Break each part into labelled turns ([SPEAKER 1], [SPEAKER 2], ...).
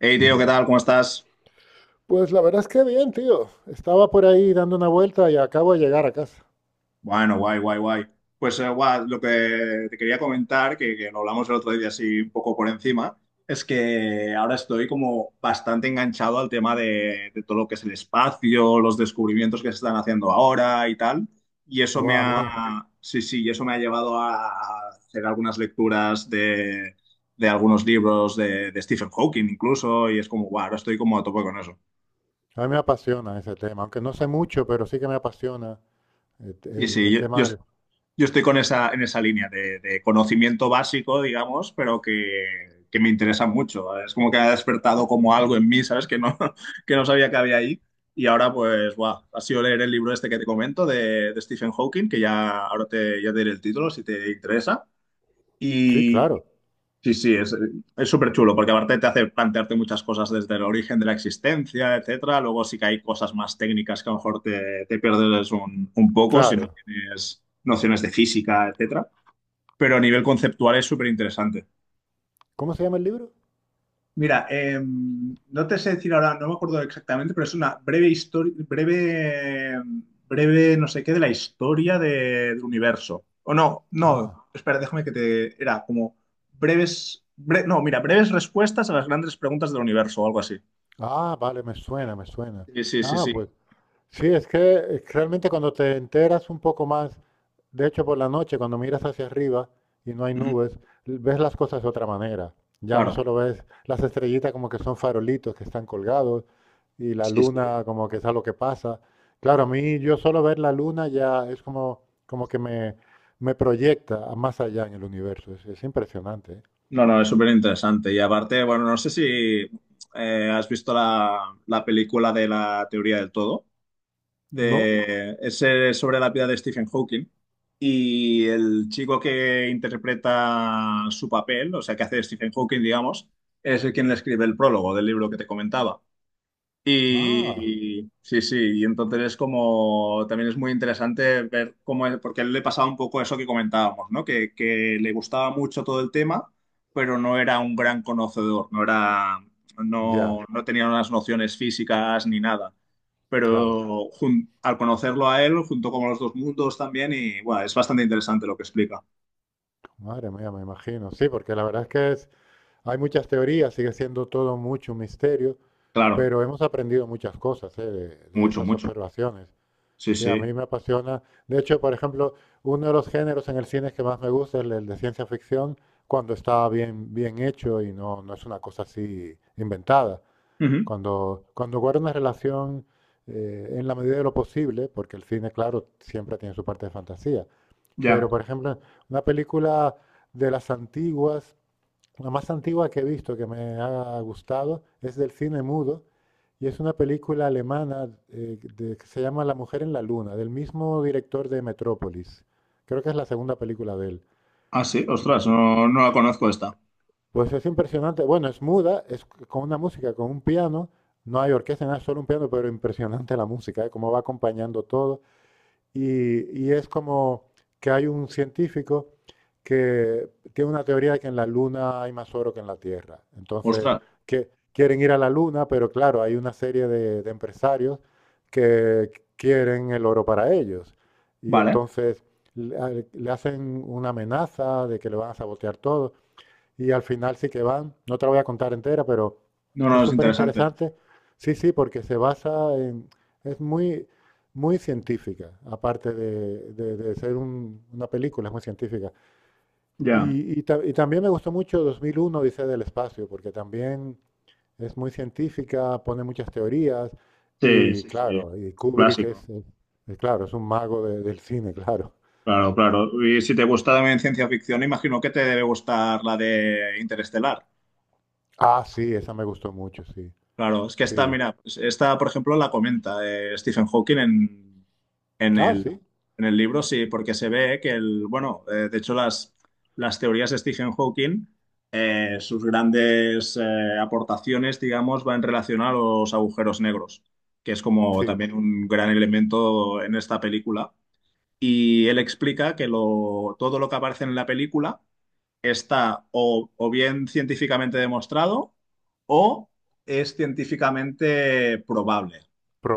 [SPEAKER 1] Hey, tío, ¿qué tal? ¿Cómo estás?
[SPEAKER 2] Pues la verdad es que bien, tío. Estaba por ahí dando una vuelta y acabo de llegar a casa.
[SPEAKER 1] Bueno, guay, guay, guay. Pues guau, lo que te quería comentar, que lo hablamos el otro día así un poco por encima, es que ahora estoy como bastante enganchado al tema de todo lo que es el espacio, los descubrimientos que se están haciendo ahora y tal. Y eso
[SPEAKER 2] Guau,
[SPEAKER 1] me
[SPEAKER 2] a mí,
[SPEAKER 1] ha, sí, sí, y eso me ha llevado a hacer algunas lecturas de algunos libros de Stephen Hawking incluso, y es como, guau, ahora estoy como a tope con eso.
[SPEAKER 2] a mí me apasiona ese tema, aunque no sé mucho, pero sí que me apasiona el,
[SPEAKER 1] Sí,
[SPEAKER 2] el-
[SPEAKER 1] sí,
[SPEAKER 2] el tema del.
[SPEAKER 1] Yo estoy con esa, en esa línea de conocimiento básico, digamos, pero que me interesa mucho. Es como que ha despertado como algo en mí, ¿sabes? Que no, que no sabía que había ahí. Y ahora, pues, buah, ha sido leer el libro este que te comento de Stephen Hawking, que ya ahora te, ya te diré el título si te interesa.
[SPEAKER 2] Sí, claro,
[SPEAKER 1] Sí, sí, es súper chulo porque aparte te hace plantearte muchas cosas desde el origen de la existencia, etcétera. Luego sí que hay cosas más técnicas que a lo mejor te, te pierdes un poco si no
[SPEAKER 2] claro.
[SPEAKER 1] tienes nociones de física, etcétera. Pero a nivel conceptual es súper interesante.
[SPEAKER 2] ¿Cómo se llama el libro?
[SPEAKER 1] Mira, no te sé decir ahora, no me acuerdo exactamente, pero es una breve historia, breve, breve no sé qué de la historia de- del universo. O no, no,
[SPEAKER 2] Ah,
[SPEAKER 1] espera, déjame que te... Era como breves, bre- no, mira, breves respuestas a las grandes preguntas del universo o algo así.
[SPEAKER 2] ah, vale, me suena, me suena.
[SPEAKER 1] Sí, sí, sí,
[SPEAKER 2] Ah, pues
[SPEAKER 1] sí.
[SPEAKER 2] sí, es que realmente cuando te enteras un poco más, de hecho por la noche, cuando miras hacia arriba y no hay
[SPEAKER 1] Ujú.
[SPEAKER 2] nubes, ves las cosas de otra manera. Ya no
[SPEAKER 1] Claro.
[SPEAKER 2] solo ves las estrellitas como que son farolitos que están colgados y la
[SPEAKER 1] Sí, sí.
[SPEAKER 2] luna como que es algo que pasa. Claro, a mí yo solo ver la luna ya es como, como que me proyecta a más allá en el universo. Es impresionante, ¿eh?
[SPEAKER 1] No, no, es súper interesante. Y aparte, bueno, no sé si has visto la, la película de la teoría del todo.
[SPEAKER 2] ¿No?
[SPEAKER 1] De, es sobre la vida de Stephen Hawking. Y el chico que interpreta su papel, o sea, que hace de Stephen Hawking, digamos, es el quien le escribe el prólogo del libro que te comentaba.
[SPEAKER 2] Ah,
[SPEAKER 1] Y sí, sí, y entonces es como, también es muy interesante ver cómo es, porque a él le pasaba un poco eso que comentábamos, ¿no? Que le gustaba mucho todo el tema, pero no era un gran conocedor, no era, no,
[SPEAKER 2] ya,
[SPEAKER 1] no tenía unas nociones físicas ni nada
[SPEAKER 2] claro.
[SPEAKER 1] pero al conocerlo a él, junto con los dos mundos también, y bueno, es bastante interesante lo que explica.
[SPEAKER 2] Madre mía, me imagino. Sí, porque la verdad hay muchas teorías, sigue siendo todo mucho un misterio,
[SPEAKER 1] Claro,
[SPEAKER 2] pero hemos aprendido muchas cosas, ¿eh? de
[SPEAKER 1] mucho,
[SPEAKER 2] esas
[SPEAKER 1] mucho.
[SPEAKER 2] observaciones.
[SPEAKER 1] Sí,
[SPEAKER 2] Sí, a
[SPEAKER 1] sí.
[SPEAKER 2] mí me apasiona. De hecho, por ejemplo, uno de los géneros en el cine que más me gusta es el de ciencia ficción, cuando está bien, bien hecho y no es una cosa así inventada.
[SPEAKER 1] Ujú.
[SPEAKER 2] Cuando guarda una relación en la medida de lo posible, porque el cine, claro, siempre tiene su parte de fantasía.
[SPEAKER 1] Ya.
[SPEAKER 2] Pero, por ejemplo, una película de las antiguas la más antigua que he visto que me ha gustado es del cine mudo y es una película alemana que se llama La mujer en la Luna, del mismo director de Metrópolis. Creo que es la segunda película de él.
[SPEAKER 1] Ah, sí, ostras, no, no la conozco esta.
[SPEAKER 2] Pues es impresionante. Bueno, es muda, es con una música, con un piano. No hay orquesta, nada, es solo un piano, pero impresionante la música, ¿eh? Cómo va acompañando todo. Y es como que hay un científico que tiene una teoría de que en la Luna hay más oro que en la Tierra. Entonces,
[SPEAKER 1] Ostras,
[SPEAKER 2] que quieren ir a la Luna, pero claro, hay una serie de empresarios que quieren el oro para ellos. Y
[SPEAKER 1] vale.
[SPEAKER 2] entonces le hacen una amenaza de que le van a sabotear todo y al final sí que van. No te la voy a contar entera, pero
[SPEAKER 1] No,
[SPEAKER 2] es
[SPEAKER 1] no, es
[SPEAKER 2] súper
[SPEAKER 1] interesante.
[SPEAKER 2] interesante. Sí, sí, porque se basa en. Es muy, muy científica, aparte de ser una película, es muy científica.
[SPEAKER 1] Ya.
[SPEAKER 2] Y también me gustó mucho 2001 dice del espacio, porque también es muy científica, pone muchas teorías
[SPEAKER 1] Sí,
[SPEAKER 2] y
[SPEAKER 1] sí, sí.
[SPEAKER 2] claro, y
[SPEAKER 1] Un
[SPEAKER 2] Kubrick
[SPEAKER 1] clásico.
[SPEAKER 2] es claro, es un mago del cine, claro.
[SPEAKER 1] Claro, claro. Y si te gusta también ciencia ficción, imagino que te debe gustar la de Interestelar.
[SPEAKER 2] Ah, sí, esa me gustó mucho, sí,
[SPEAKER 1] Claro, es que esta,
[SPEAKER 2] sí.
[SPEAKER 1] mira, pues esta, por ejemplo, la comenta Stephen Hawking en
[SPEAKER 2] Ah,
[SPEAKER 1] el,
[SPEAKER 2] sí,
[SPEAKER 1] en el libro, sí, porque se ve que el, bueno, de hecho las teorías de Stephen Hawking, sus grandes aportaciones, digamos, van en relación a los agujeros negros, que es como
[SPEAKER 2] sí,
[SPEAKER 1] también un gran elemento en esta película. Y él explica que lo, todo lo que aparece en la película está o bien científicamente demostrado o es científicamente probable.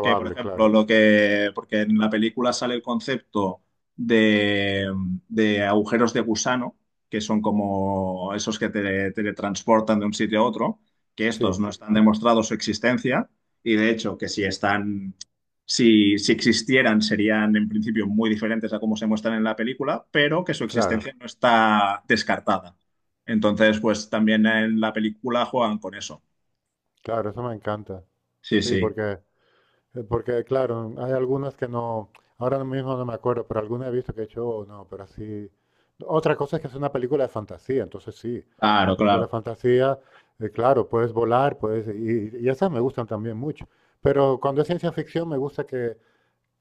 [SPEAKER 1] Que, por ejemplo,
[SPEAKER 2] claro.
[SPEAKER 1] lo que, porque en la película sale el concepto de, de agujeros de gusano, que son como esos que te teletransportan de un sitio a otro, que estos
[SPEAKER 2] Sí,
[SPEAKER 1] no están demostrados su existencia y de hecho que si están si, si existieran, serían en principio muy diferentes a cómo se muestran en la película, pero que su
[SPEAKER 2] claro,
[SPEAKER 1] existencia no está descartada. Entonces, pues también en la película juegan con eso.
[SPEAKER 2] claro, eso me encanta.
[SPEAKER 1] Sí,
[SPEAKER 2] Sí,
[SPEAKER 1] sí,
[SPEAKER 2] porque claro, hay algunas que no, ahora mismo no me acuerdo, pero alguna he visto que he hecho, "Oh, no", pero así. Otra cosa es que es una película de fantasía, entonces sí, una
[SPEAKER 1] claro,
[SPEAKER 2] película de
[SPEAKER 1] claro,
[SPEAKER 2] fantasía, claro, puedes volar, puedes, y esas me gustan también mucho. Pero cuando es ciencia ficción me gusta que,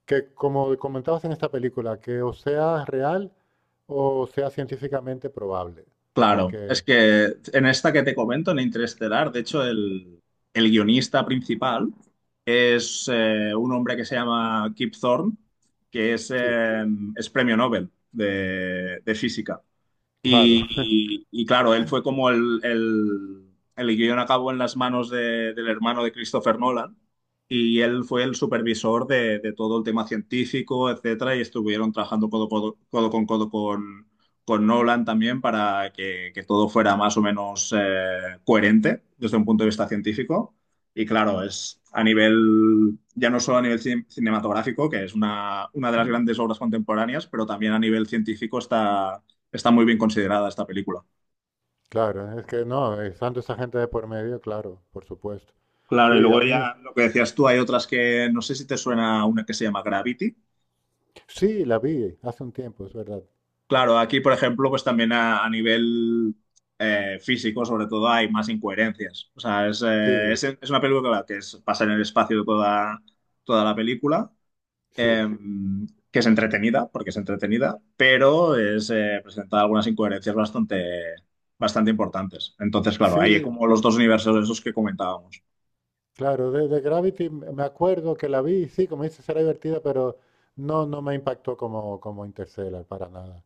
[SPEAKER 2] como comentabas en esta película, que o sea real o sea científicamente probable.
[SPEAKER 1] claro. Es
[SPEAKER 2] Porque,
[SPEAKER 1] que en esta que te comento, en Interestelar, de hecho, el guionista principal es un hombre que se llama Kip Thorne, que
[SPEAKER 2] sí,
[SPEAKER 1] es premio Nobel de física.
[SPEAKER 2] claro.
[SPEAKER 1] Y claro, él fue como el guión acabó en las manos de- del hermano de Christopher Nolan y él fue el supervisor de todo el tema científico, etcétera, y estuvieron trabajando codo, codo- codo con Nolan también para que todo fuera más o menos coherente desde un punto de vista científico. Y claro, es a nivel, ya no solo a nivel cinematográfico, que es una de las grandes obras contemporáneas, pero también a nivel científico está está muy bien considerada esta película.
[SPEAKER 2] Claro, es que no, estando esa gente de por medio, claro, por supuesto.
[SPEAKER 1] Claro, y
[SPEAKER 2] Sí, a
[SPEAKER 1] luego
[SPEAKER 2] mí,
[SPEAKER 1] ya lo que decías tú, hay otras que no sé si te suena una que se llama Gravity.
[SPEAKER 2] sí, la vi hace un tiempo, es verdad.
[SPEAKER 1] Claro, aquí, por ejemplo, pues también a nivel físico, sobre todo, hay más incoherencias. O sea,
[SPEAKER 2] Sí,
[SPEAKER 1] es una película que es, pasa en el espacio toda, toda la película, eh,
[SPEAKER 2] sí,
[SPEAKER 1] que es entretenida, porque es entretenida, pero es, presenta algunas incoherencias bastante, bastante importantes. Entonces, claro, hay
[SPEAKER 2] sí,
[SPEAKER 1] como los dos universos esos que comentábamos.
[SPEAKER 2] claro, de Gravity me acuerdo que la vi, sí, como dices, era divertida, pero no, no me impactó como Interstellar para nada.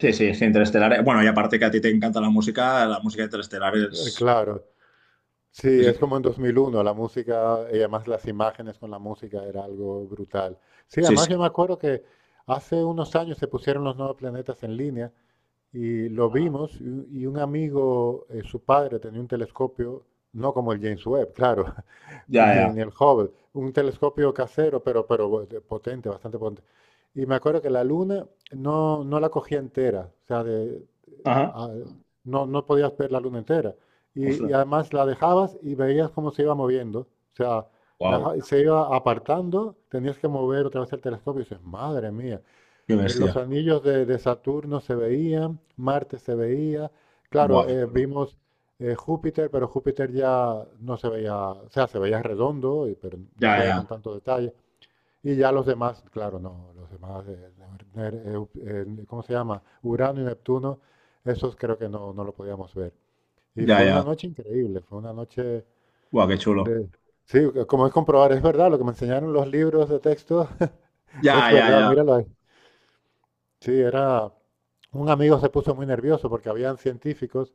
[SPEAKER 1] Sí, sí, es que Interestelar. Bueno, y aparte que a ti te encanta la música de Interestelar
[SPEAKER 2] Claro, sí,
[SPEAKER 1] es
[SPEAKER 2] es como
[SPEAKER 1] increíble.
[SPEAKER 2] en 2001, la música y además las imágenes con la música era algo brutal. Sí,
[SPEAKER 1] Sí,
[SPEAKER 2] además
[SPEAKER 1] sí.
[SPEAKER 2] yo me acuerdo que hace unos años se pusieron los nuevos planetas en línea. Y lo
[SPEAKER 1] Ajá.
[SPEAKER 2] vimos y un amigo, su padre tenía un telescopio, no como el James Webb, claro,
[SPEAKER 1] Ya,
[SPEAKER 2] ni,
[SPEAKER 1] ya.
[SPEAKER 2] ni el Hubble, un telescopio casero, pero potente, bastante potente. Y me acuerdo que la luna no la cogía entera, o sea,
[SPEAKER 1] Ajá.
[SPEAKER 2] a- no podías ver la luna entera. Y
[SPEAKER 1] Ostras.
[SPEAKER 2] además la dejabas y veías cómo se iba moviendo, o sea,
[SPEAKER 1] Wow.
[SPEAKER 2] se iba apartando, tenías que mover otra vez el telescopio y dices, madre mía,
[SPEAKER 1] Qué
[SPEAKER 2] los
[SPEAKER 1] bestia.
[SPEAKER 2] anillos de Saturno se veían, Marte se veía. Claro,
[SPEAKER 1] Buah, qué chulo.
[SPEAKER 2] vimos Júpiter, pero Júpiter ya no se veía, o sea, se veía redondo, pero no se
[SPEAKER 1] Ya,
[SPEAKER 2] veía con
[SPEAKER 1] ya.
[SPEAKER 2] tanto detalle. Y ya los demás, claro, no, los demás, Ner- eh, ¿cómo se llama? Urano y Neptuno, esos creo que no lo podíamos ver. Y
[SPEAKER 1] Ya,
[SPEAKER 2] fue una
[SPEAKER 1] ya.
[SPEAKER 2] noche increíble, fue una noche
[SPEAKER 1] Buah, qué chulo.
[SPEAKER 2] de. Sí, como es comprobar, es verdad, lo que me enseñaron los libros de texto, es
[SPEAKER 1] Ya, ya,
[SPEAKER 2] verdad,
[SPEAKER 1] ya.
[SPEAKER 2] míralo ahí. Sí, era. Un amigo se puso muy nervioso porque habían científicos,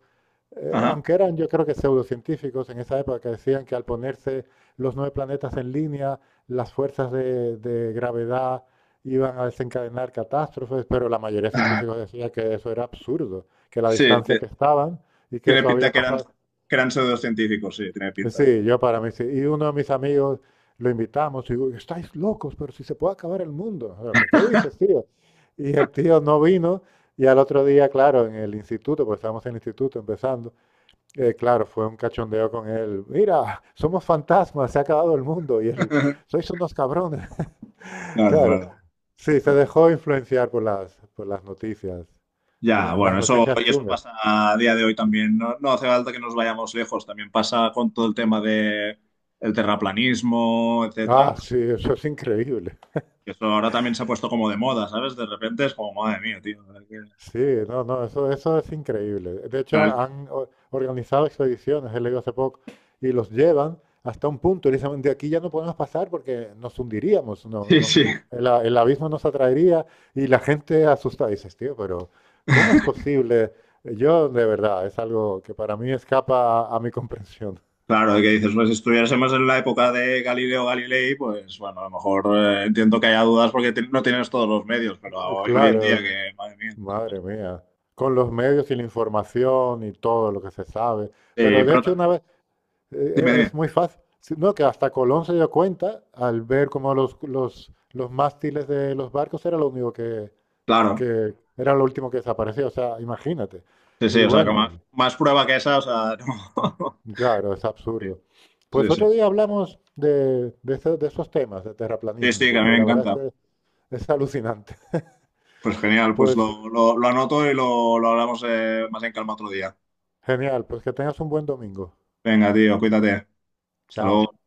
[SPEAKER 1] Ajá.
[SPEAKER 2] aunque eran yo creo que pseudocientíficos en esa época, que decían que al ponerse los nueve planetas en línea, las fuerzas de gravedad iban a desencadenar catástrofes, pero la mayoría de
[SPEAKER 1] Ah,
[SPEAKER 2] científicos decía que eso era absurdo, que la
[SPEAKER 1] sí,
[SPEAKER 2] distancia que estaban y que
[SPEAKER 1] tiene
[SPEAKER 2] eso
[SPEAKER 1] pinta
[SPEAKER 2] había pasado.
[SPEAKER 1] que eran pseudocientíficos, sí, tiene pinta.
[SPEAKER 2] Sí, yo para mí sí. Y uno de mis amigos lo invitamos y digo, estáis locos, pero si se puede acabar el mundo. Ah, "¿Pero qué dices, tío?" Y el tío no vino y al otro día, claro, en el instituto, porque estábamos en el instituto empezando, claro, fue un cachondeo con él. Mira, somos fantasmas, se ha acabado el mundo y él, sois unos cabrones. Claro,
[SPEAKER 1] Claro,
[SPEAKER 2] sí, se dejó
[SPEAKER 1] claro.
[SPEAKER 2] influenciar por las noticias,
[SPEAKER 1] Ya,
[SPEAKER 2] las
[SPEAKER 1] bueno, eso,
[SPEAKER 2] noticias
[SPEAKER 1] y eso
[SPEAKER 2] chungas.
[SPEAKER 1] pasa a día de hoy también. No, no hace falta que nos vayamos lejos. También pasa con todo el tema de el terraplanismo,
[SPEAKER 2] Ah,
[SPEAKER 1] etcétera.
[SPEAKER 2] sí, eso es increíble.
[SPEAKER 1] Que eso ahora también se ha puesto como de moda, ¿sabes? De repente es como, madre mía, tío.
[SPEAKER 2] Sí, no, no, eso es increíble. De hecho,
[SPEAKER 1] Claro,
[SPEAKER 2] han organizado expediciones, he leído hace poco, y los llevan hasta un punto y dicen, de aquí ya no podemos pasar porque nos hundiríamos,
[SPEAKER 1] sí, sí.
[SPEAKER 2] el abismo nos atraería y la gente asustada. Dices, tío, pero ¿cómo es posible? Yo, de verdad, es algo que para mí escapa a mi comprensión.
[SPEAKER 1] Claro, que dices, pues si estuviésemos en la época de Galileo Galilei, pues bueno, a lo mejor entiendo que haya dudas porque no tienes todos los medios, pero hoy, hoy en día
[SPEAKER 2] Claro,
[SPEAKER 1] que, madre mía, ¿sabes?
[SPEAKER 2] madre mía, con los medios y la información y todo lo que se sabe. Pero de
[SPEAKER 1] Pero
[SPEAKER 2] hecho,
[SPEAKER 1] también,
[SPEAKER 2] una vez.
[SPEAKER 1] dime,
[SPEAKER 2] Es
[SPEAKER 1] dime.
[SPEAKER 2] muy fácil. No, que hasta Colón se dio cuenta al ver cómo los mástiles de los barcos era lo único que,
[SPEAKER 1] Claro,
[SPEAKER 2] que era lo último que desaparecía. O sea, imagínate.
[SPEAKER 1] sí, sí,
[SPEAKER 2] Y
[SPEAKER 1] o sea, que
[SPEAKER 2] bueno,
[SPEAKER 1] más, más prueba que esa, o sea, no.
[SPEAKER 2] claro, es
[SPEAKER 1] Sí,
[SPEAKER 2] absurdo.
[SPEAKER 1] sí,
[SPEAKER 2] Pues
[SPEAKER 1] sí.
[SPEAKER 2] otro día hablamos de esos temas de
[SPEAKER 1] Sí,
[SPEAKER 2] terraplanismo,
[SPEAKER 1] sí, que a mí
[SPEAKER 2] porque
[SPEAKER 1] me
[SPEAKER 2] la verdad
[SPEAKER 1] encanta.
[SPEAKER 2] es que es alucinante.
[SPEAKER 1] Pues genial, pues
[SPEAKER 2] Pues
[SPEAKER 1] lo anoto y lo hablamos más en calma otro día.
[SPEAKER 2] genial, pues que tengas un buen domingo.
[SPEAKER 1] Venga, tío, cuídate. Hasta
[SPEAKER 2] Chao.
[SPEAKER 1] luego.